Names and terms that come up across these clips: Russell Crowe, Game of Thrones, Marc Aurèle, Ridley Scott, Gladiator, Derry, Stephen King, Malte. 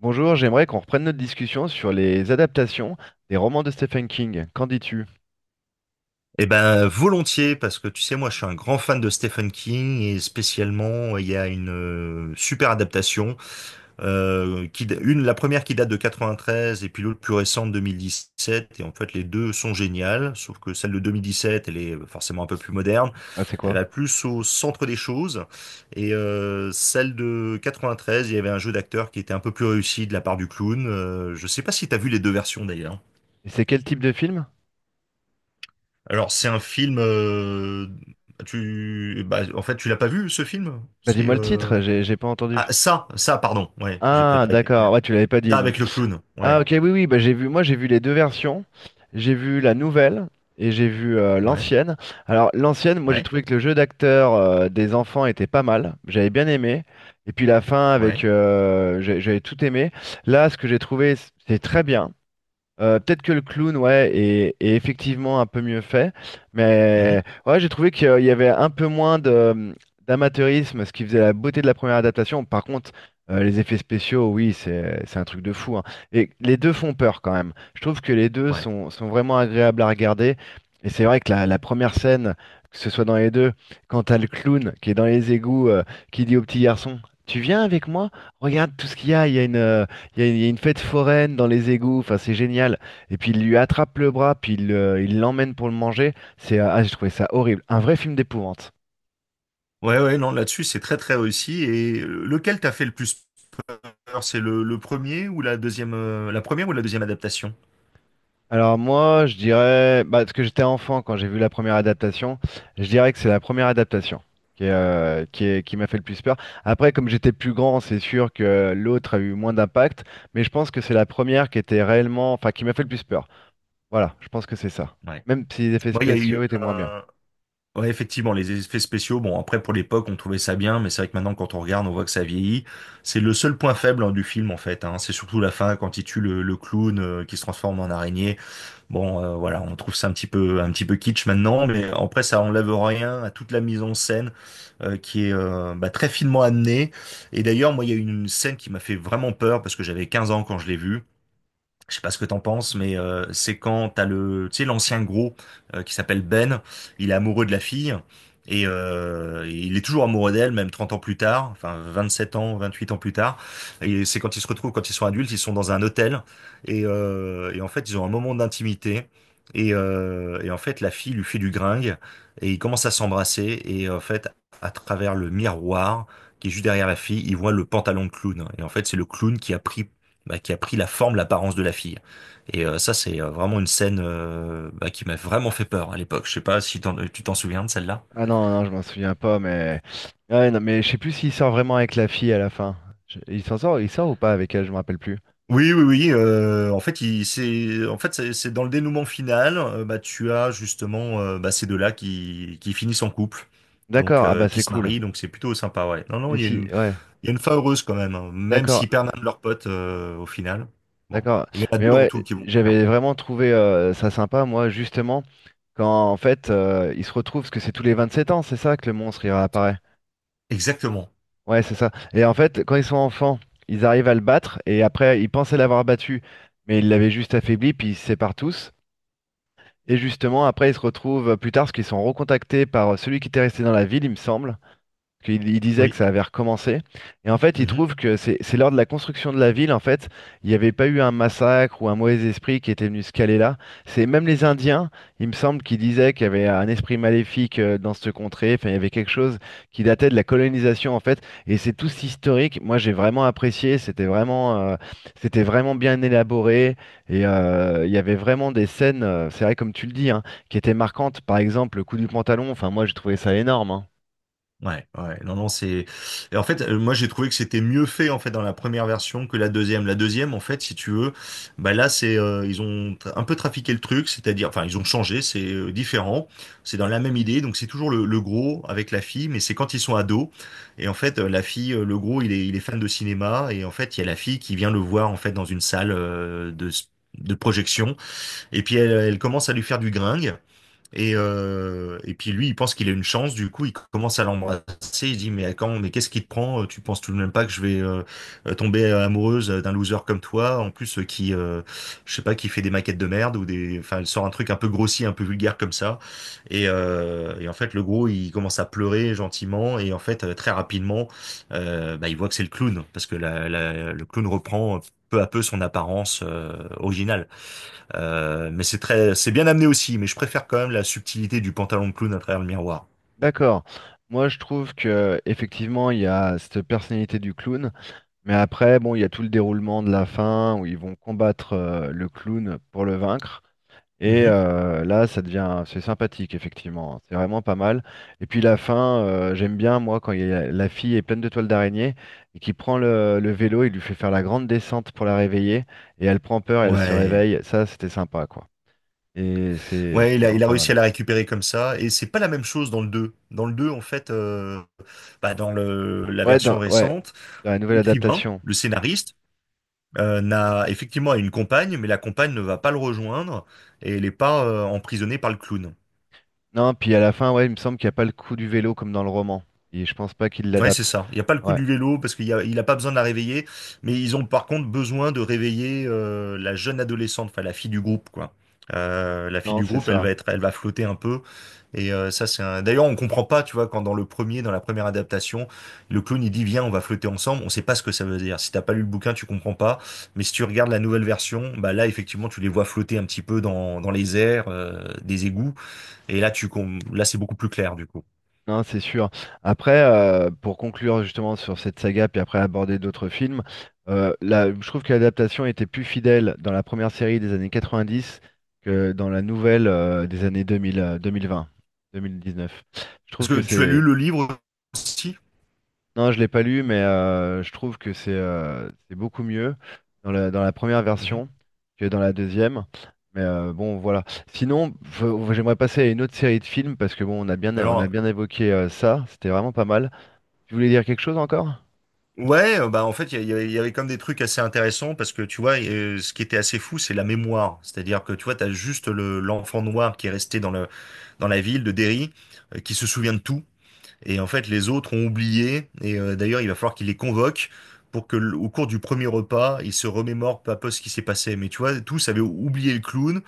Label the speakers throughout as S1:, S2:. S1: Bonjour, j'aimerais qu'on reprenne notre discussion sur les adaptations des romans de Stephen King. Qu'en dis-tu?
S2: Eh ben, volontiers, parce que tu sais, moi, je suis un grand fan de Stephen King et spécialement, il y a une super adaptation, la première qui date de 93 et puis l'autre plus récente 2017. Et en fait, les deux sont géniales, sauf que celle de 2017, elle est forcément un peu plus moderne.
S1: Ah, c'est
S2: Elle
S1: quoi?
S2: va plus au centre des choses. Et celle de 93, il y avait un jeu d'acteur qui était un peu plus réussi de la part du clown. Je sais pas si t'as vu les deux versions d'ailleurs.
S1: Et c'est quel type de film?
S2: Alors, c'est un film. Bah, en fait, tu l'as pas vu ce film?
S1: Bah,
S2: C'est
S1: dis-moi le titre, j'ai pas entendu.
S2: Ah, ça, pardon. Ouais, j'ai peut-être
S1: Ah,
S2: pas été clair.
S1: d'accord, ouais, tu l'avais pas
S2: Ça
S1: dit
S2: avec
S1: donc.
S2: le clown.
S1: Ah,
S2: Ouais,
S1: ok, oui, oui, bah, j'ai vu, moi j'ai vu les deux versions. J'ai vu la nouvelle et j'ai vu
S2: ouais,
S1: l'ancienne. Alors, l'ancienne, moi j'ai
S2: ouais,
S1: trouvé que le jeu d'acteur des enfants était pas mal. J'avais bien aimé. Et puis la fin avec.
S2: ouais,
S1: J'avais tout aimé. Là, ce que j'ai trouvé, c'est très bien. Peut-être que le clown, ouais, est effectivement un peu mieux fait,
S2: mhm,
S1: mais ouais, j'ai trouvé qu'il y avait un peu moins de d'amateurisme, ce qui faisait la beauté de la première adaptation. Par contre, les effets spéciaux, oui, c'est un truc de fou, hein. Et les deux font peur quand même. Je trouve que les deux
S2: ouais,
S1: sont vraiment agréables à regarder. Et c'est vrai que la première scène, que ce soit dans les deux, quand t'as le clown qui est dans les égouts, qui dit au petit garçon, tu viens avec moi? Regarde tout ce qu'il y a, il y a une fête foraine dans les égouts, enfin c'est génial. Et puis il lui attrape le bras, puis il l'emmène pour le manger. J'ai trouvé ça horrible, un vrai film d'épouvante.
S2: ouais, ouais. Non, là-dessus, c'est très très réussi. Et lequel t'a fait le plus peur? C'est le premier ou la deuxième, la première ou la deuxième adaptation?
S1: Alors moi, je dirais, bah, parce que j'étais enfant quand j'ai vu la première adaptation, je dirais que c'est la première adaptation qui m'a fait le plus peur. Après, comme j'étais plus grand, c'est sûr que l'autre a eu moins d'impact, mais je pense que c'est la première qui était réellement, enfin qui m'a fait le plus peur. Voilà, je pense que c'est ça.
S2: Ouais.
S1: Même si les effets
S2: Moi, il y a eu
S1: spéciaux étaient moins bien.
S2: un. Ouais, effectivement, les effets spéciaux, bon, après, pour l'époque, on trouvait ça bien, mais c'est vrai que maintenant, quand on regarde, on voit que ça vieillit. C'est le seul point faible, hein, du film, en fait, hein. C'est surtout la fin, quand il tue le clown, qui se transforme en araignée. Bon, voilà, on trouve ça un petit peu kitsch maintenant, mais après, ça enlève rien à toute la mise en scène, qui est, bah, très finement amenée. Et d'ailleurs, moi, il y a une scène qui m'a fait vraiment peur, parce que j'avais 15 ans quand je l'ai vue. Je sais pas ce que t'en penses, mais c'est quand t'as le, tu sais, l'ancien gros qui s'appelle Ben, il est amoureux de la fille et il est toujours amoureux d'elle, même 30 ans plus tard, enfin 27 ans, 28 ans plus tard. Et c'est quand ils se retrouvent, quand ils sont adultes, ils sont dans un hôtel et en fait ils ont un moment d'intimité et en fait la fille lui fait du gringue et ils commencent à s'embrasser et en fait à travers le miroir qui est juste derrière la fille, ils voient le pantalon de clown et en fait c'est le clown qui a pris la forme, l'apparence de la fille. Et ça, c'est vraiment une scène bah, qui m'a vraiment fait peur à l'époque. Je sais pas si tu t'en souviens de celle-là.
S1: Ah non, non, je m'en souviens pas, mais. Ouais, non, mais je sais plus s'il sort vraiment avec la fille à la fin. Il s'en sort, il sort ou pas avec elle, je me rappelle plus.
S2: Oui, oui, oui. En fait, en fait, c'est dans le dénouement final. Bah, tu as justement bah, ces deux-là qui finissent en couple, donc
S1: D'accord, ah bah
S2: qui
S1: c'est
S2: se
S1: cool.
S2: marient. Donc c'est plutôt sympa, ouais. Non, non,
S1: Mais
S2: il y a
S1: si,
S2: une,
S1: ouais,
S2: il y a une fin heureuse quand même, hein, même
S1: d'accord,
S2: s'ils perdent un de leurs potes au final. Bon,
S1: d'accord.
S2: il y en a
S1: Mais
S2: deux en
S1: ouais,
S2: tout qui vont mourir.
S1: j'avais vraiment trouvé ça sympa, moi, justement, quand en fait ils se retrouvent, parce que c'est tous les 27 ans, c'est ça que le monstre il réapparaît.
S2: Exactement.
S1: Ouais, c'est ça. Et en fait, quand ils sont enfants, ils arrivent à le battre, et après, ils pensaient l'avoir battu, mais ils l'avaient juste affaibli, puis ils se séparent tous. Et justement, après, ils se retrouvent plus tard, parce qu'ils sont recontactés par celui qui était resté dans la ville, il me semble qu'il il disait que
S2: Oui.
S1: ça avait recommencé. Et en fait, il trouve que c'est lors de la construction de la ville, en fait, il n'y avait pas eu un massacre ou un mauvais esprit qui était venu se caler là. C'est même les Indiens, il me semble, qui disaient qu'il y avait un esprit maléfique dans cette contrée. Enfin, il y avait quelque chose qui datait de la colonisation, en fait. Et c'est tout historique. Moi, j'ai vraiment apprécié. C'était vraiment bien élaboré. Il y avait vraiment des scènes, c'est vrai, comme tu le dis, hein, qui étaient marquantes. Par exemple, le coup du pantalon. Enfin, moi, j'ai trouvé ça énorme, hein.
S2: Ouais, ouais, non, non, c'est. Et en fait, moi, j'ai trouvé que c'était mieux fait en fait dans la première version que la deuxième. La deuxième, en fait, si tu veux, bah là, c'est ils ont un peu trafiqué le truc, c'est-à-dire, enfin, ils ont changé, c'est différent, c'est dans la même idée, donc c'est toujours le gros avec la fille, mais c'est quand ils sont ados. Et en fait, le gros, il est fan de cinéma, et en fait, il y a la fille qui vient le voir en fait dans une salle de projection, et puis elle, elle commence à lui faire du gringue. Et puis lui, il pense qu'il a une chance, du coup, il commence à l'embrasser, il dit, mais qu'est-ce qui te prend? Tu penses tout de même pas que je vais tomber amoureuse d'un loser comme toi, en plus qui, je sais pas, qui fait des maquettes de merde ou des, enfin, elle sort un truc un peu grossier, un peu vulgaire comme ça. Et en fait, le gros, il commence à pleurer gentiment et en fait, très rapidement, bah, il voit que c'est le clown parce que le clown reprend peu à peu son apparence originale. Mais c'est bien amené aussi, mais je préfère quand même la subtilité du pantalon de clown à travers le miroir.
S1: D'accord. Moi, je trouve que effectivement, il y a cette personnalité du clown, mais après, bon, il y a tout le déroulement de la fin où ils vont combattre le clown pour le vaincre.
S2: Mhm.
S1: Là, ça devient, c'est sympathique, effectivement, hein. C'est vraiment pas mal. Et puis la fin, j'aime bien, moi, quand la fille est pleine de toiles d'araignée et qui prend le vélo, il lui fait faire la grande descente pour la réveiller. Et elle prend peur et elle se
S2: Ouais,
S1: réveille. Ça, c'était sympa, quoi. Et
S2: ouais, il
S1: c'était
S2: a,
S1: vraiment
S2: il a
S1: pas
S2: réussi
S1: mal.
S2: à la récupérer comme ça, et c'est pas la même chose dans le 2. Dans le 2 en fait, bah, dans la
S1: Ouais,
S2: version récente,
S1: dans la nouvelle
S2: l'écrivain,
S1: adaptation.
S2: le scénariste, n'a effectivement une compagne, mais la compagne ne va pas le rejoindre, et elle n'est pas emprisonnée par le clown.
S1: Non, puis à la fin, ouais, il me semble qu'il n'y a pas le coup du vélo comme dans le roman. Et je pense pas qu'il
S2: Ouais, c'est
S1: l'adapte.
S2: ça. Il n'y a pas le coup
S1: Ouais,
S2: du vélo parce qu'il a pas besoin de la réveiller, mais ils ont par contre besoin de réveiller la jeune adolescente, enfin la fille du groupe, quoi. La fille
S1: non,
S2: du
S1: c'est
S2: groupe,
S1: ça.
S2: elle va flotter un peu. Et ça, c'est un. D'ailleurs, on comprend pas, tu vois, quand dans la première adaptation, le clown il dit viens, on va flotter ensemble. On sait pas ce que ça veut dire. Si t'as pas lu le bouquin, tu comprends pas. Mais si tu regardes la nouvelle version, bah là, effectivement, tu les vois flotter un petit peu dans les airs, des égouts. Et là, c'est beaucoup plus clair du coup.
S1: Non, c'est sûr. Après, pour conclure justement sur cette saga, puis après aborder d'autres films, là, je trouve que l'adaptation était plus fidèle dans la première série des années 90 que dans la nouvelle des années 2000, 2020, 2019. Je trouve
S2: Parce
S1: que
S2: que tu as
S1: c'est
S2: lu le livre aussi?
S1: Non, je l'ai pas lu, mais je trouve que c'est beaucoup mieux dans dans la première
S2: Mhm.
S1: version que dans la deuxième. Bon, voilà. Sinon, j'aimerais passer à une autre série de films parce que bon, on a
S2: Alors,
S1: bien évoqué ça. C'était vraiment pas mal. Tu voulais dire quelque chose encore?
S2: ouais, bah en fait, il y, a- il y avait comme des trucs assez intéressants parce que tu vois, ce qui était assez fou, c'est la mémoire. C'est-à-dire que tu vois, t'as juste l'enfant noir qui est resté dans dans la ville de Derry, qui se souvient de tout. Et en fait, les autres ont oublié. Et d'ailleurs, il va falloir qu'il les convoque pour que, au cours du premier repas, ils se remémorent peu à peu ce qui s'est passé. Mais tu vois, tous avaient oublié le clown.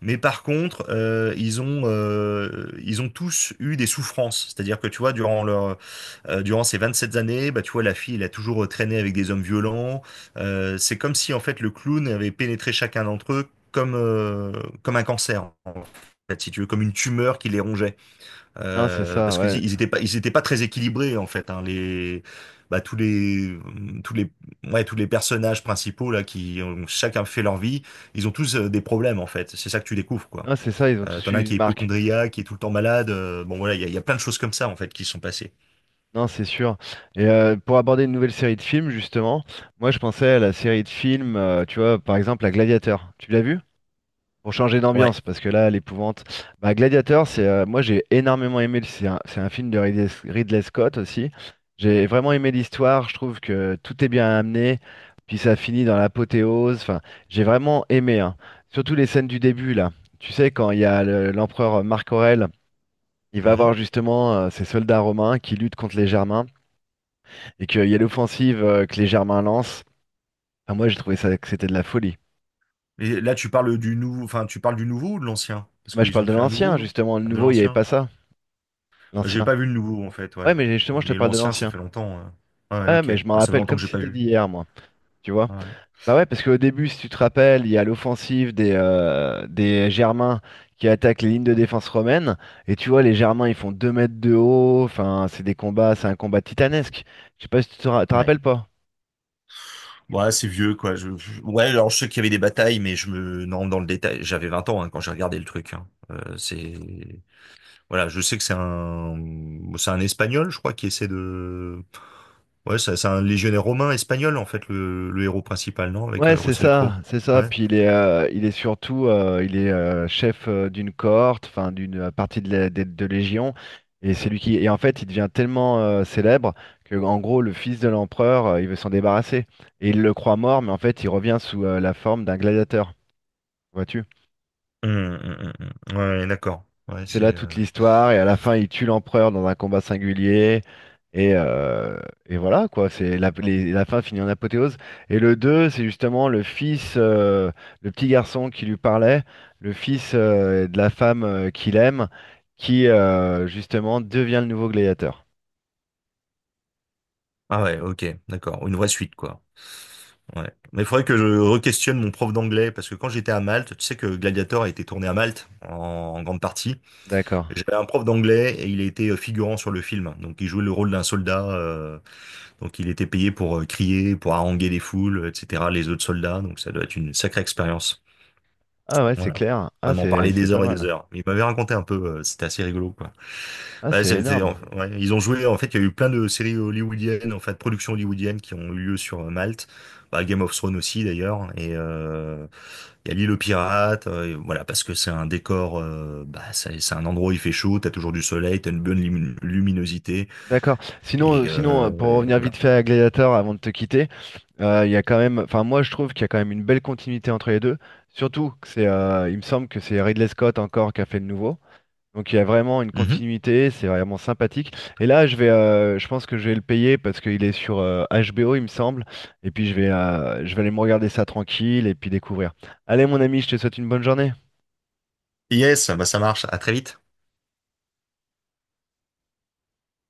S2: Mais par contre, ils ont tous eu des souffrances. C'est-à-dire que tu vois, durant ces 27 années, bah, tu vois, la fille, elle a toujours traîné avec des hommes violents. C'est comme si, en fait, le clown avait pénétré chacun d'entre eux comme un cancer, en fait, si tu veux, comme une tumeur qui les rongeait.
S1: Non, c'est ça,
S2: Parce que dis,
S1: ouais.
S2: ils étaient pas très équilibrés, en fait, hein, bah, tous les, ouais, tous les personnages principaux, là, qui ont chacun fait leur vie, ils ont tous des problèmes, en fait. C'est ça que tu découvres, quoi.
S1: Non, c'est ça, ils ont tous
S2: T'en as
S1: eu
S2: un
S1: une
S2: qui est
S1: marque.
S2: hypocondriaque, qui est tout le temps malade. Bon, voilà, il y a plein de choses comme ça, en fait, qui se sont passées.
S1: Non, c'est sûr. Pour aborder une nouvelle série de films, justement, moi je pensais à la série de films, tu vois, par exemple, à Gladiateur. Tu l'as vu? Pour changer
S2: Ouais.
S1: d'ambiance, parce que là, l'épouvante. Bah, Gladiator, c'est moi j'ai énormément aimé. C'est un film de Ridley Scott aussi. J'ai vraiment aimé l'histoire. Je trouve que tout est bien amené. Puis ça finit dans l'apothéose. Enfin, j'ai vraiment aimé, hein. Surtout les scènes du début là. Tu sais, quand il y a l'empereur Marc Aurèle, il va voir justement ses soldats romains qui luttent contre les Germains et qu'il y a l'offensive que les Germains lancent. Enfin, moi, j'ai trouvé ça que c'était de la folie.
S2: Et là, tu parles du nouveau, enfin, tu parles du nouveau ou de l'ancien? Parce
S1: Moi, je
S2: qu'ils
S1: parle
S2: ont
S1: de
S2: fait un nouveau,
S1: l'ancien
S2: non?
S1: justement. Le
S2: De
S1: nouveau, il n'y avait
S2: l'ancien?
S1: pas ça.
S2: J'ai
S1: L'ancien.
S2: pas vu le nouveau, en fait,
S1: Ouais,
S2: ouais.
S1: mais justement, je te
S2: Mais
S1: parle de
S2: l'ancien, ça
S1: l'ancien.
S2: fait longtemps. Ouais,
S1: Ouais,
S2: ok.
S1: mais je m'en
S2: Bah, ça fait
S1: rappelle
S2: longtemps
S1: comme
S2: que j'ai
S1: si
S2: pas
S1: c'était
S2: vu.
S1: d'hier, moi. Tu vois?
S2: Ouais.
S1: Bah ouais, parce qu'au début, si tu te rappelles, il y a l'offensive des Germains qui attaquent les lignes de défense romaines. Et tu vois, les Germains, ils font 2 mètres de haut. Enfin, c'est un combat titanesque. Je sais pas si tu te te
S2: Ouais.
S1: rappelles pas.
S2: Ouais, c'est vieux, quoi. Ouais, alors je sais qu'il y avait des batailles, mais je me... Non, dans le détail, j'avais 20 ans hein, quand j'ai regardé le truc. Hein. C'est... Voilà, je sais que c'est un... C'est un Espagnol, je crois, qui essaie de... Ouais, c'est un légionnaire romain espagnol, en fait, le héros principal, non? Avec
S1: Ouais, c'est
S2: Russell Crowe.
S1: ça, c'est ça.
S2: Ouais.
S1: Puis il est surtout, il est chef d'une cohorte, enfin d'une partie de Légion, et c'est lui qui. Et en fait, il devient tellement célèbre que, en gros, le fils de l'empereur, il veut s'en débarrasser, et il le croit mort, mais en fait, il revient sous la forme d'un gladiateur. Vois-tu?
S2: Hum, hum, hum, Ouais, ouais, d'accord. Ouais,
S1: C'est là
S2: c'est.
S1: toute l'histoire, et à la fin, il tue l'empereur dans un combat singulier, et, euh, et voilà, quoi, c'est la fin finit en apothéose. Et le 2 c'est justement le fils, le petit garçon qui lui parlait, le fils de la femme qu'il aime, qui justement devient le nouveau gladiateur.
S2: Ah ouais, ok, d'accord. Une vraie suite, quoi. Ouais. Mais il faudrait que je re-questionne mon prof d'anglais, parce que quand j'étais à Malte, tu sais que Gladiator a été tourné à Malte, en grande partie.
S1: D'accord.
S2: J'avais un prof d'anglais et il était figurant sur le film. Donc il jouait le rôle d'un soldat. Donc il était payé pour crier, pour haranguer les foules, etc., les autres soldats. Donc ça doit être une sacrée expérience.
S1: Ah ouais, c'est
S2: Voilà.
S1: clair. Ah,
S2: Vraiment parler
S1: c'est
S2: des
S1: pas
S2: heures et des
S1: mal.
S2: heures. Il m'avait raconté un peu, c'était assez rigolo, quoi.
S1: Ah,
S2: Bah,
S1: c'est
S2: c'était,
S1: énorme.
S2: ouais, ils ont joué, en fait, il y a eu plein de séries hollywoodiennes, en fait, productions hollywoodiennes qui ont eu lieu sur Malte. Bah, Game of Thrones aussi, d'ailleurs. Et il y a l'île aux pirates, et voilà, parce que c'est un décor, bah, c'est un endroit où il fait chaud, t'as toujours du soleil, t'as une bonne luminosité.
S1: D'accord. Sinon,
S2: Et,
S1: pour
S2: euh, et
S1: revenir
S2: voilà.
S1: vite fait à Gladiator avant de te quitter, il y a quand même, enfin moi je trouve qu'il y a quand même une belle continuité entre les deux. Surtout que il me semble que c'est Ridley Scott encore qui a fait le nouveau. Donc il y a vraiment une
S2: Mhm.
S1: continuité, c'est vraiment sympathique. Et là, je pense que je vais le payer parce qu'il est sur HBO, il me semble. Et puis je vais aller me regarder ça tranquille et puis découvrir. Allez mon ami, je te souhaite une bonne journée.
S2: Yes, bah, ça marche. À très vite.